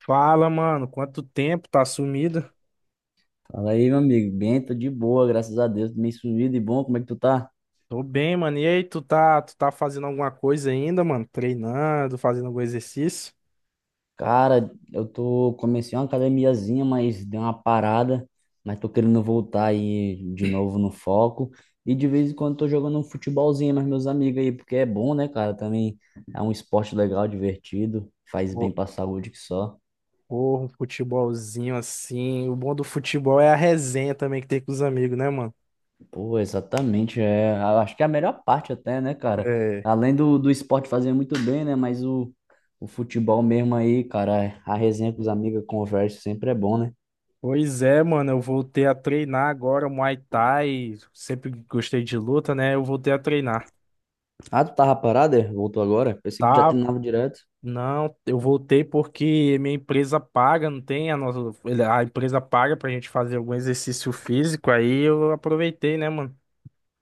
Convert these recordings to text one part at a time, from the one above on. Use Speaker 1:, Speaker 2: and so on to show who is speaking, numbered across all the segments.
Speaker 1: Fala, mano, quanto tempo tá sumido?
Speaker 2: Fala aí, meu amigo. Bem, tô de boa, graças a Deus. Meio sumido e bom, como é que tu tá?
Speaker 1: Tô bem, mano. E aí, tu tá fazendo alguma coisa ainda, mano? Treinando, fazendo algum exercício?
Speaker 2: Cara, eu tô, comecei uma academiazinha, mas deu uma parada, mas tô querendo voltar aí de novo no foco. E de vez em quando tô jogando um futebolzinho mas meus amigos aí, porque é bom, né, cara? Também é um esporte legal, divertido, faz bem
Speaker 1: Pô,
Speaker 2: pra saúde que só.
Speaker 1: porra, um futebolzinho assim. O bom do futebol é a resenha também que tem com os amigos, né, mano?
Speaker 2: Pô, exatamente. É, acho que é a melhor parte até, né, cara?
Speaker 1: É.
Speaker 2: Além do esporte fazer muito bem, né? Mas o futebol mesmo aí, cara, é a resenha com os amigos, a conversa sempre é bom, né?
Speaker 1: Pois é, mano, eu voltei a treinar agora Muay Thai. Sempre gostei de luta, né? Eu voltei a treinar.
Speaker 2: Ah, tu tava parado, é? Voltou agora? Pensei que já
Speaker 1: Tá,
Speaker 2: treinava direto.
Speaker 1: não, eu voltei porque minha empresa paga, não tem a nossa, a empresa paga pra gente fazer algum exercício físico, aí eu aproveitei, né, mano?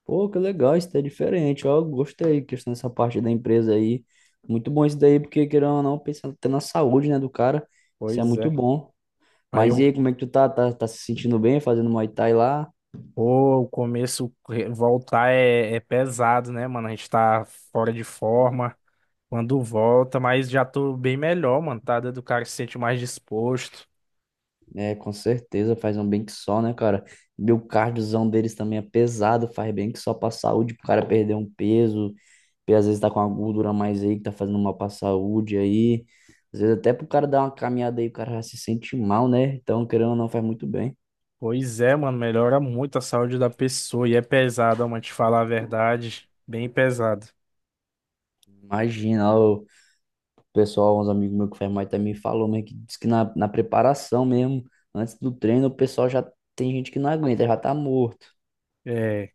Speaker 2: Pô, que legal, isso daí é diferente. Ó, gostei, questão dessa parte da empresa aí. Muito bom isso daí, porque querendo ou não, pensando até na saúde, né, do cara. Isso é
Speaker 1: Pois
Speaker 2: muito
Speaker 1: é.
Speaker 2: bom.
Speaker 1: Aí
Speaker 2: Mas e
Speaker 1: eu,
Speaker 2: aí, como é que tu tá? Tá se sentindo bem fazendo Muay Thai lá?
Speaker 1: pô, o começo, voltar é pesado, né, mano? A gente tá fora de forma quando volta, mas já tô bem melhor, mano, tá? Do cara que se sente mais disposto.
Speaker 2: É, com certeza, faz um bem que só, né, cara? E o cardiozão deles também é pesado, faz bem que só pra saúde, pro cara perder um peso, e às vezes tá com uma gordura a mais aí, que tá fazendo mal pra saúde aí. Às vezes até pro cara dar uma caminhada aí, o cara já se sente mal, né? Então, querendo ou não, faz muito bem.
Speaker 1: Pois é, mano, melhora muito a saúde da pessoa e é pesado, ó, mano, te falar a verdade, bem pesado.
Speaker 2: Imagina, ó, o pessoal, uns amigos meus que faz mais também falou, mas que diz que na preparação mesmo, antes do treino, o pessoal já tem gente que não aguenta, já tá morto.
Speaker 1: É.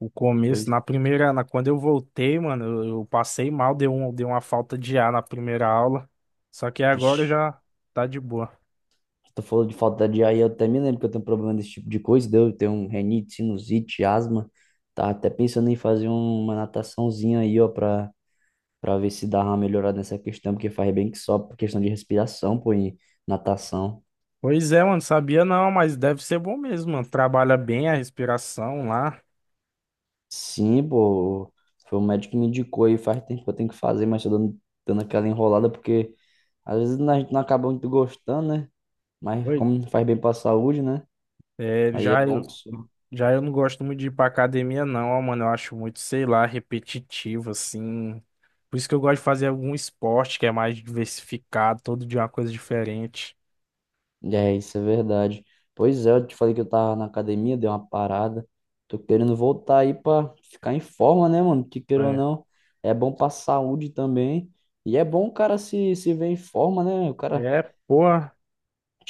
Speaker 1: O começo,
Speaker 2: Pois,
Speaker 1: quando eu voltei, mano, eu passei mal, deu uma falta de ar na primeira aula. Só que agora
Speaker 2: vixi.
Speaker 1: já tá de boa.
Speaker 2: Tu falou de falta de ar e eu até me lembro que eu tenho um problema desse tipo de coisa, deu, eu tenho um renite, sinusite, asma. Tá até pensando em fazer um, uma nataçãozinha aí, ó, pra, pra ver se dá uma melhorada nessa questão, porque faz bem que só por questão de respiração, pô, e natação.
Speaker 1: Pois é, mano, sabia não, mas deve ser bom mesmo, mano. Trabalha bem a respiração lá.
Speaker 2: Sim, pô, foi o médico que me indicou aí, faz tempo que eu tenho que fazer, mas tô dando, dando aquela enrolada, porque às vezes a gente não acaba muito gostando, né? Mas
Speaker 1: Oi.
Speaker 2: como faz bem pra saúde, né?
Speaker 1: É,
Speaker 2: Aí é
Speaker 1: já eu,
Speaker 2: bom que só.
Speaker 1: já eu não gosto muito de ir pra academia, não, ó, mano. Eu acho muito, sei lá, repetitivo, assim. Por isso que eu gosto de fazer algum esporte que é mais diversificado, todo dia uma coisa diferente.
Speaker 2: É, isso é verdade. Pois é, eu te falei que eu tava na academia, dei uma parada. Tô querendo voltar aí pra ficar em forma, né, mano? Que queira ou
Speaker 1: É,
Speaker 2: não, é bom pra saúde também. E é bom o cara se ver em forma, né? O cara,
Speaker 1: porra.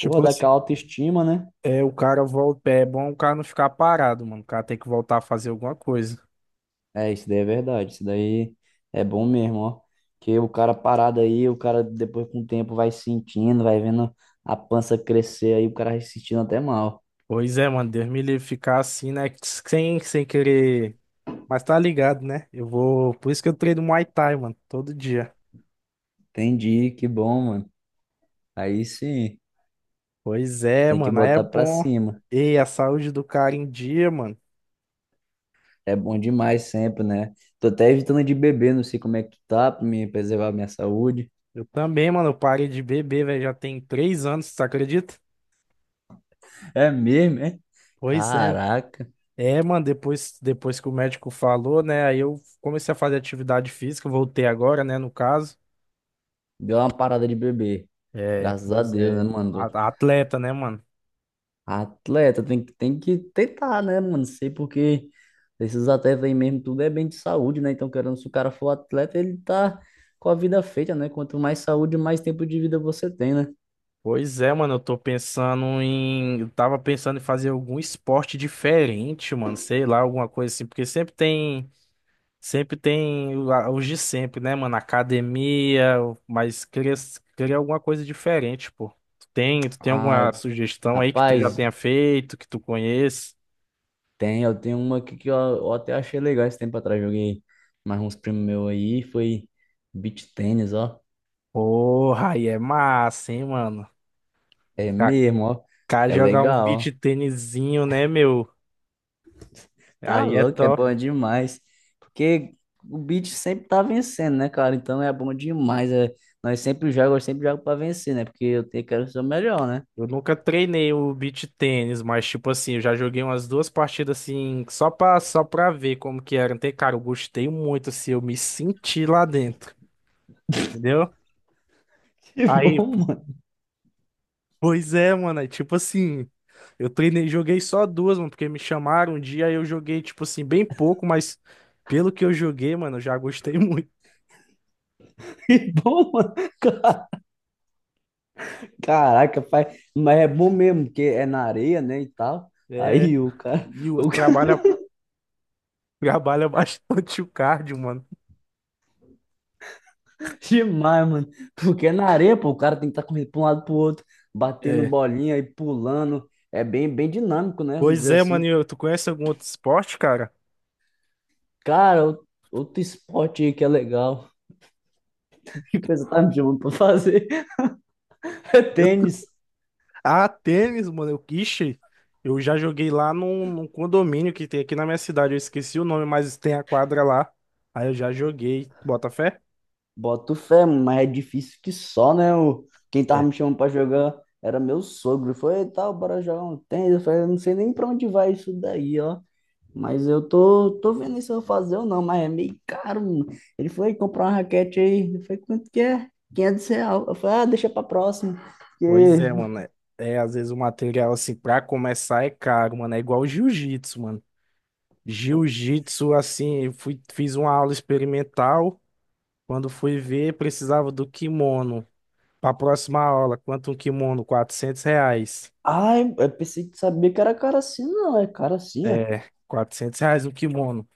Speaker 2: porra, dá
Speaker 1: assim.
Speaker 2: aquela autoestima, né?
Speaker 1: É, o cara volta. É bom o cara não ficar parado, mano. O cara tem que voltar a fazer alguma coisa.
Speaker 2: É, isso daí é verdade. Isso daí é bom mesmo, ó. Que o cara parado aí, o cara depois com o tempo vai sentindo, vai vendo a pança crescer aí, o cara vai se sentindo até mal.
Speaker 1: Pois é, mano. Deus me livre ficar assim, né? Sem querer. Mas tá ligado, né? Eu vou. Por isso que eu treino Muay Thai, mano. Todo dia.
Speaker 2: Entendi, que bom, mano. Aí sim,
Speaker 1: Pois é,
Speaker 2: tem que
Speaker 1: mano. Aí é
Speaker 2: botar pra
Speaker 1: bom.
Speaker 2: cima.
Speaker 1: E a saúde do cara em dia, mano.
Speaker 2: É bom demais sempre, né? Tô até evitando de beber, não sei como é que tu tá, pra me preservar a minha saúde.
Speaker 1: Eu também, mano. Eu parei de beber, velho. Já tem 3 anos, você acredita?
Speaker 2: É mesmo, é?
Speaker 1: Pois é.
Speaker 2: Caraca,
Speaker 1: É, mano. Depois que o médico falou, né? Aí eu comecei a fazer atividade física. Voltei agora, né? No caso.
Speaker 2: deu uma parada de beber.
Speaker 1: É,
Speaker 2: Graças a
Speaker 1: pois
Speaker 2: Deus, né,
Speaker 1: é.
Speaker 2: mano?
Speaker 1: Atleta, né, mano?
Speaker 2: Atleta tem que tentar, né, mano? Sei porque esses atletas aí mesmo, tudo é bem de saúde, né? Então, querendo, se o cara for atleta, ele tá com a vida feita, né? Quanto mais saúde, mais tempo de vida você tem, né?
Speaker 1: Pois é, mano, eu tô pensando em. Eu tava pensando em fazer algum esporte diferente, mano. Sei lá, alguma coisa assim. Porque sempre tem. Sempre tem os de sempre, né, mano? Academia, mas queria, queria alguma coisa diferente, pô. Tu tem alguma
Speaker 2: Ah,
Speaker 1: sugestão aí que tu já
Speaker 2: rapaz,
Speaker 1: tenha feito, que tu conheça?
Speaker 2: tem, eu tenho uma aqui que eu até achei legal esse tempo atrás. Joguei mais uns primos meus aí. Foi beach tênis, ó.
Speaker 1: Porra, aí é massa, hein, mano?
Speaker 2: É mesmo, ó.
Speaker 1: Kaká
Speaker 2: É
Speaker 1: jogar um
Speaker 2: legal,
Speaker 1: beach
Speaker 2: ó.
Speaker 1: tênisinho, né, meu?
Speaker 2: Tá
Speaker 1: Aí é
Speaker 2: louco, é bom
Speaker 1: top.
Speaker 2: demais. Porque o beach sempre tá vencendo, né, cara? Então é bom demais. É, nós sempre jogamos, eu sempre jogo pra vencer, né? Porque eu tenho, quero ser o melhor, né?
Speaker 1: Eu nunca treinei o beach tênis, mas tipo assim, eu já joguei umas duas partidas assim, só pra ver como que era. Então, cara, eu gostei muito, assim, eu me senti lá dentro, entendeu?
Speaker 2: Que
Speaker 1: Aí,
Speaker 2: bom, mano.
Speaker 1: pois é, mano, aí, tipo assim, eu treinei, joguei só duas, mano, porque me chamaram um dia, aí eu joguei, tipo assim, bem pouco, mas pelo que eu joguei, mano, eu já gostei muito.
Speaker 2: Que bom, mano. Caraca, pai. Mas é bom mesmo, porque é na areia, né, e tal.
Speaker 1: É,
Speaker 2: Aí o cara, o
Speaker 1: trabalha, trabalha bastante o cardio, mano.
Speaker 2: demais, mano. Porque é na areia, pô, o cara tem que estar tá correndo pra um lado pro outro, batendo
Speaker 1: É.
Speaker 2: bolinha e pulando. É bem, bem dinâmico, né? Vamos
Speaker 1: Pois
Speaker 2: dizer
Speaker 1: é, mano,
Speaker 2: assim.
Speaker 1: tu conhece algum outro esporte, cara?
Speaker 2: Cara, outro esporte aí que é legal. Que coisa tá me chamando pra fazer. É
Speaker 1: Eu
Speaker 2: tênis.
Speaker 1: Ah, tênis, mano. Eu, ixi, eu já joguei lá num condomínio que tem aqui na minha cidade. Eu esqueci o nome, mas tem a quadra lá. Aí eu já joguei. Bota fé?
Speaker 2: Boto fé, mano, mas é difícil que só, né? O, quem tava
Speaker 1: É.
Speaker 2: me chamando pra jogar era meu sogro. Foi, tal, bora jogar um tênis. Eu falei, eu não sei nem pra onde vai isso daí, ó. Mas eu tô, tô vendo se eu vou fazer ou não, mas é meio caro, mano. Ele foi comprar uma raquete aí. Eu falei, quanto que é? R$ 500. Eu falei, ah, deixa pra próxima.
Speaker 1: Pois é,
Speaker 2: Porque...
Speaker 1: mano. É, é, às vezes o material, assim, pra começar é caro, mano. É igual jiu-jitsu, mano. Jiu-jitsu, assim, eu fui, fiz uma aula experimental. Quando fui ver, precisava do quimono. Pra próxima aula, quanto um kimono? 400 reais.
Speaker 2: Ai, eu pensei que sabia que era caro assim. Não, é caro assim, é.
Speaker 1: É, 400 reais um kimono.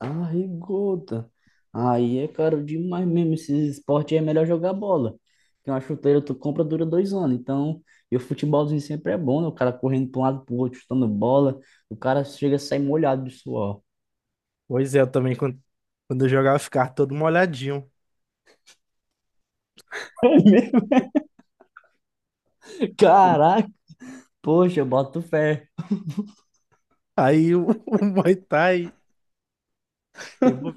Speaker 2: Ai, gota. Aí é caro demais mesmo. Esse esporte aí é melhor jogar bola. Que uma chuteira tu compra dura 2 anos. Então, e o futebolzinho sempre é bom, né? O cara correndo pra um lado pro outro, chutando bola. O cara chega a sair molhado de suor.
Speaker 1: Pois é, eu também, quando eu jogava, eu ficava todo molhadinho.
Speaker 2: É mesmo? Caraca! Poxa, eu boto fé.
Speaker 1: Aí o, o Muay Thai, eu vou,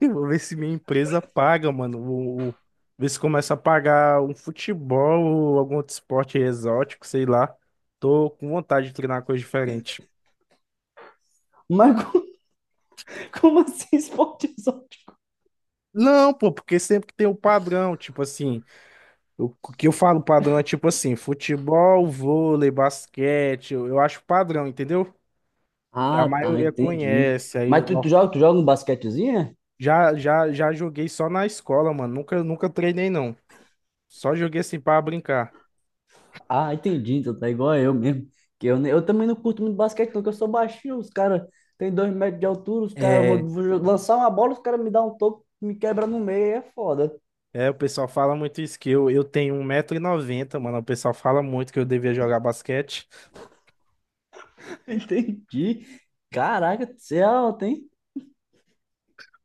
Speaker 1: eu vou ver se minha empresa paga, mano. Ver se começa a pagar um futebol ou algum outro esporte exótico, sei lá. Tô com vontade de treinar uma coisa diferente.
Speaker 2: Mas co- como assim esporte exótico?
Speaker 1: Não, pô, porque sempre que tem o padrão, tipo assim, o que eu falo padrão é tipo assim, futebol, vôlei, basquete, eu acho padrão, entendeu? Que a
Speaker 2: Ah, tá,
Speaker 1: maioria
Speaker 2: entendi.
Speaker 1: conhece, aí
Speaker 2: Mas tu, tu joga um basquetezinho, é?
Speaker 1: Já joguei só na escola, mano. Nunca treinei, não. Só joguei assim pra brincar.
Speaker 2: Ah, entendi. Então tá igual eu mesmo. Que eu também não curto muito basquete, não, que eu sou baixinho. Os caras têm 2 metros de altura, os caras vão
Speaker 1: É,
Speaker 2: vou jo- lançar uma bola, os caras me dão um toco, me quebra no meio, aí é foda.
Speaker 1: é, o pessoal fala muito isso, que eu tenho 1,90 m mano. O pessoal fala muito que eu devia jogar basquete.
Speaker 2: Entendi. Caraca, você é alto, hein?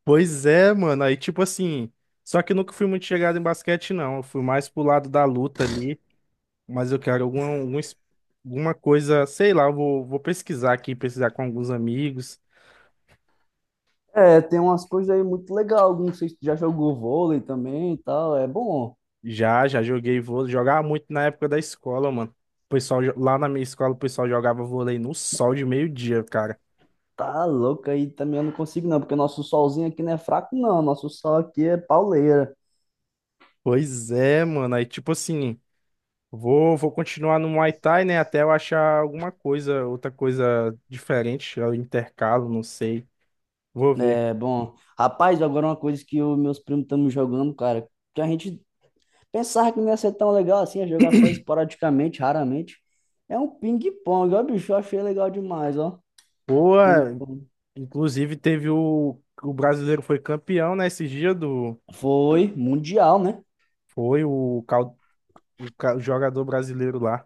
Speaker 1: Pois é, mano. Aí, tipo assim. Só que eu nunca fui muito chegado em basquete, não. Eu fui mais pro lado da luta ali. Mas eu quero alguma coisa, sei lá, eu vou, vou pesquisar aqui, pesquisar com alguns amigos.
Speaker 2: É, tem umas coisas aí muito legal. Não sei se tu já jogou vôlei também e tal. É bom.
Speaker 1: Já, já joguei vôlei. Jogava muito na época da escola, mano. O pessoal, lá na minha escola, o pessoal jogava vôlei no sol de meio-dia, cara.
Speaker 2: Tá louco, aí também eu não consigo não, porque nosso solzinho aqui não é fraco não, nosso sol aqui é pauleira.
Speaker 1: Pois é, mano. Aí, tipo assim, vou, vou continuar no Muay Thai, né? Até eu achar alguma coisa, outra coisa diferente. Eu intercalo, não sei. Vou ver.
Speaker 2: É, bom, rapaz, agora uma coisa que os meus primos estamos jogando, cara, que a gente pensava que não ia ser tão legal assim, ia jogar só esporadicamente, raramente, é um ping-pong, ó, bicho, eu achei legal demais, ó,
Speaker 1: Boa,
Speaker 2: ping-pong.
Speaker 1: inclusive teve o. O brasileiro foi campeão, né? Esse dia do.
Speaker 2: Foi mundial, né?
Speaker 1: Foi o, o jogador brasileiro lá.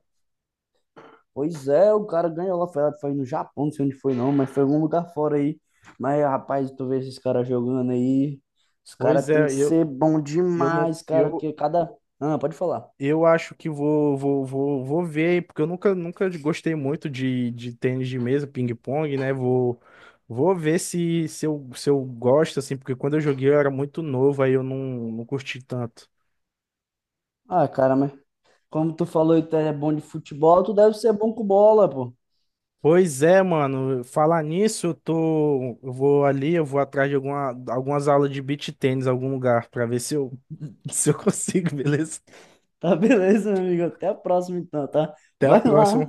Speaker 2: Pois é, o cara ganhou lá, foi, foi no Japão, não sei onde foi não, mas foi em algum lugar fora aí. Mas, rapaz, tu vê esses caras jogando aí, os
Speaker 1: Pois
Speaker 2: caras tem
Speaker 1: é,
Speaker 2: que ser bom
Speaker 1: eu não.
Speaker 2: demais, cara,
Speaker 1: Eu,
Speaker 2: que cada... Ah, pode falar.
Speaker 1: Eu acho que vou ver, porque eu nunca, nunca gostei muito de tênis de mesa, ping-pong, né? Vou, vou ver se, se eu gosto, assim, porque quando eu joguei eu era muito novo, aí eu não, não curti tanto.
Speaker 2: Ah, cara, mas como tu falou que tu é bom de futebol, tu deve ser bom com bola, pô.
Speaker 1: Pois é, mano, falar nisso, eu tô, eu vou ali, eu vou atrás de alguma, algumas aulas de beach tênis, algum lugar, pra ver se eu, se eu consigo, beleza?
Speaker 2: Tá, beleza, meu amigo? Até a próxima então, tá?
Speaker 1: Até a
Speaker 2: Vai
Speaker 1: próxima.
Speaker 2: lá.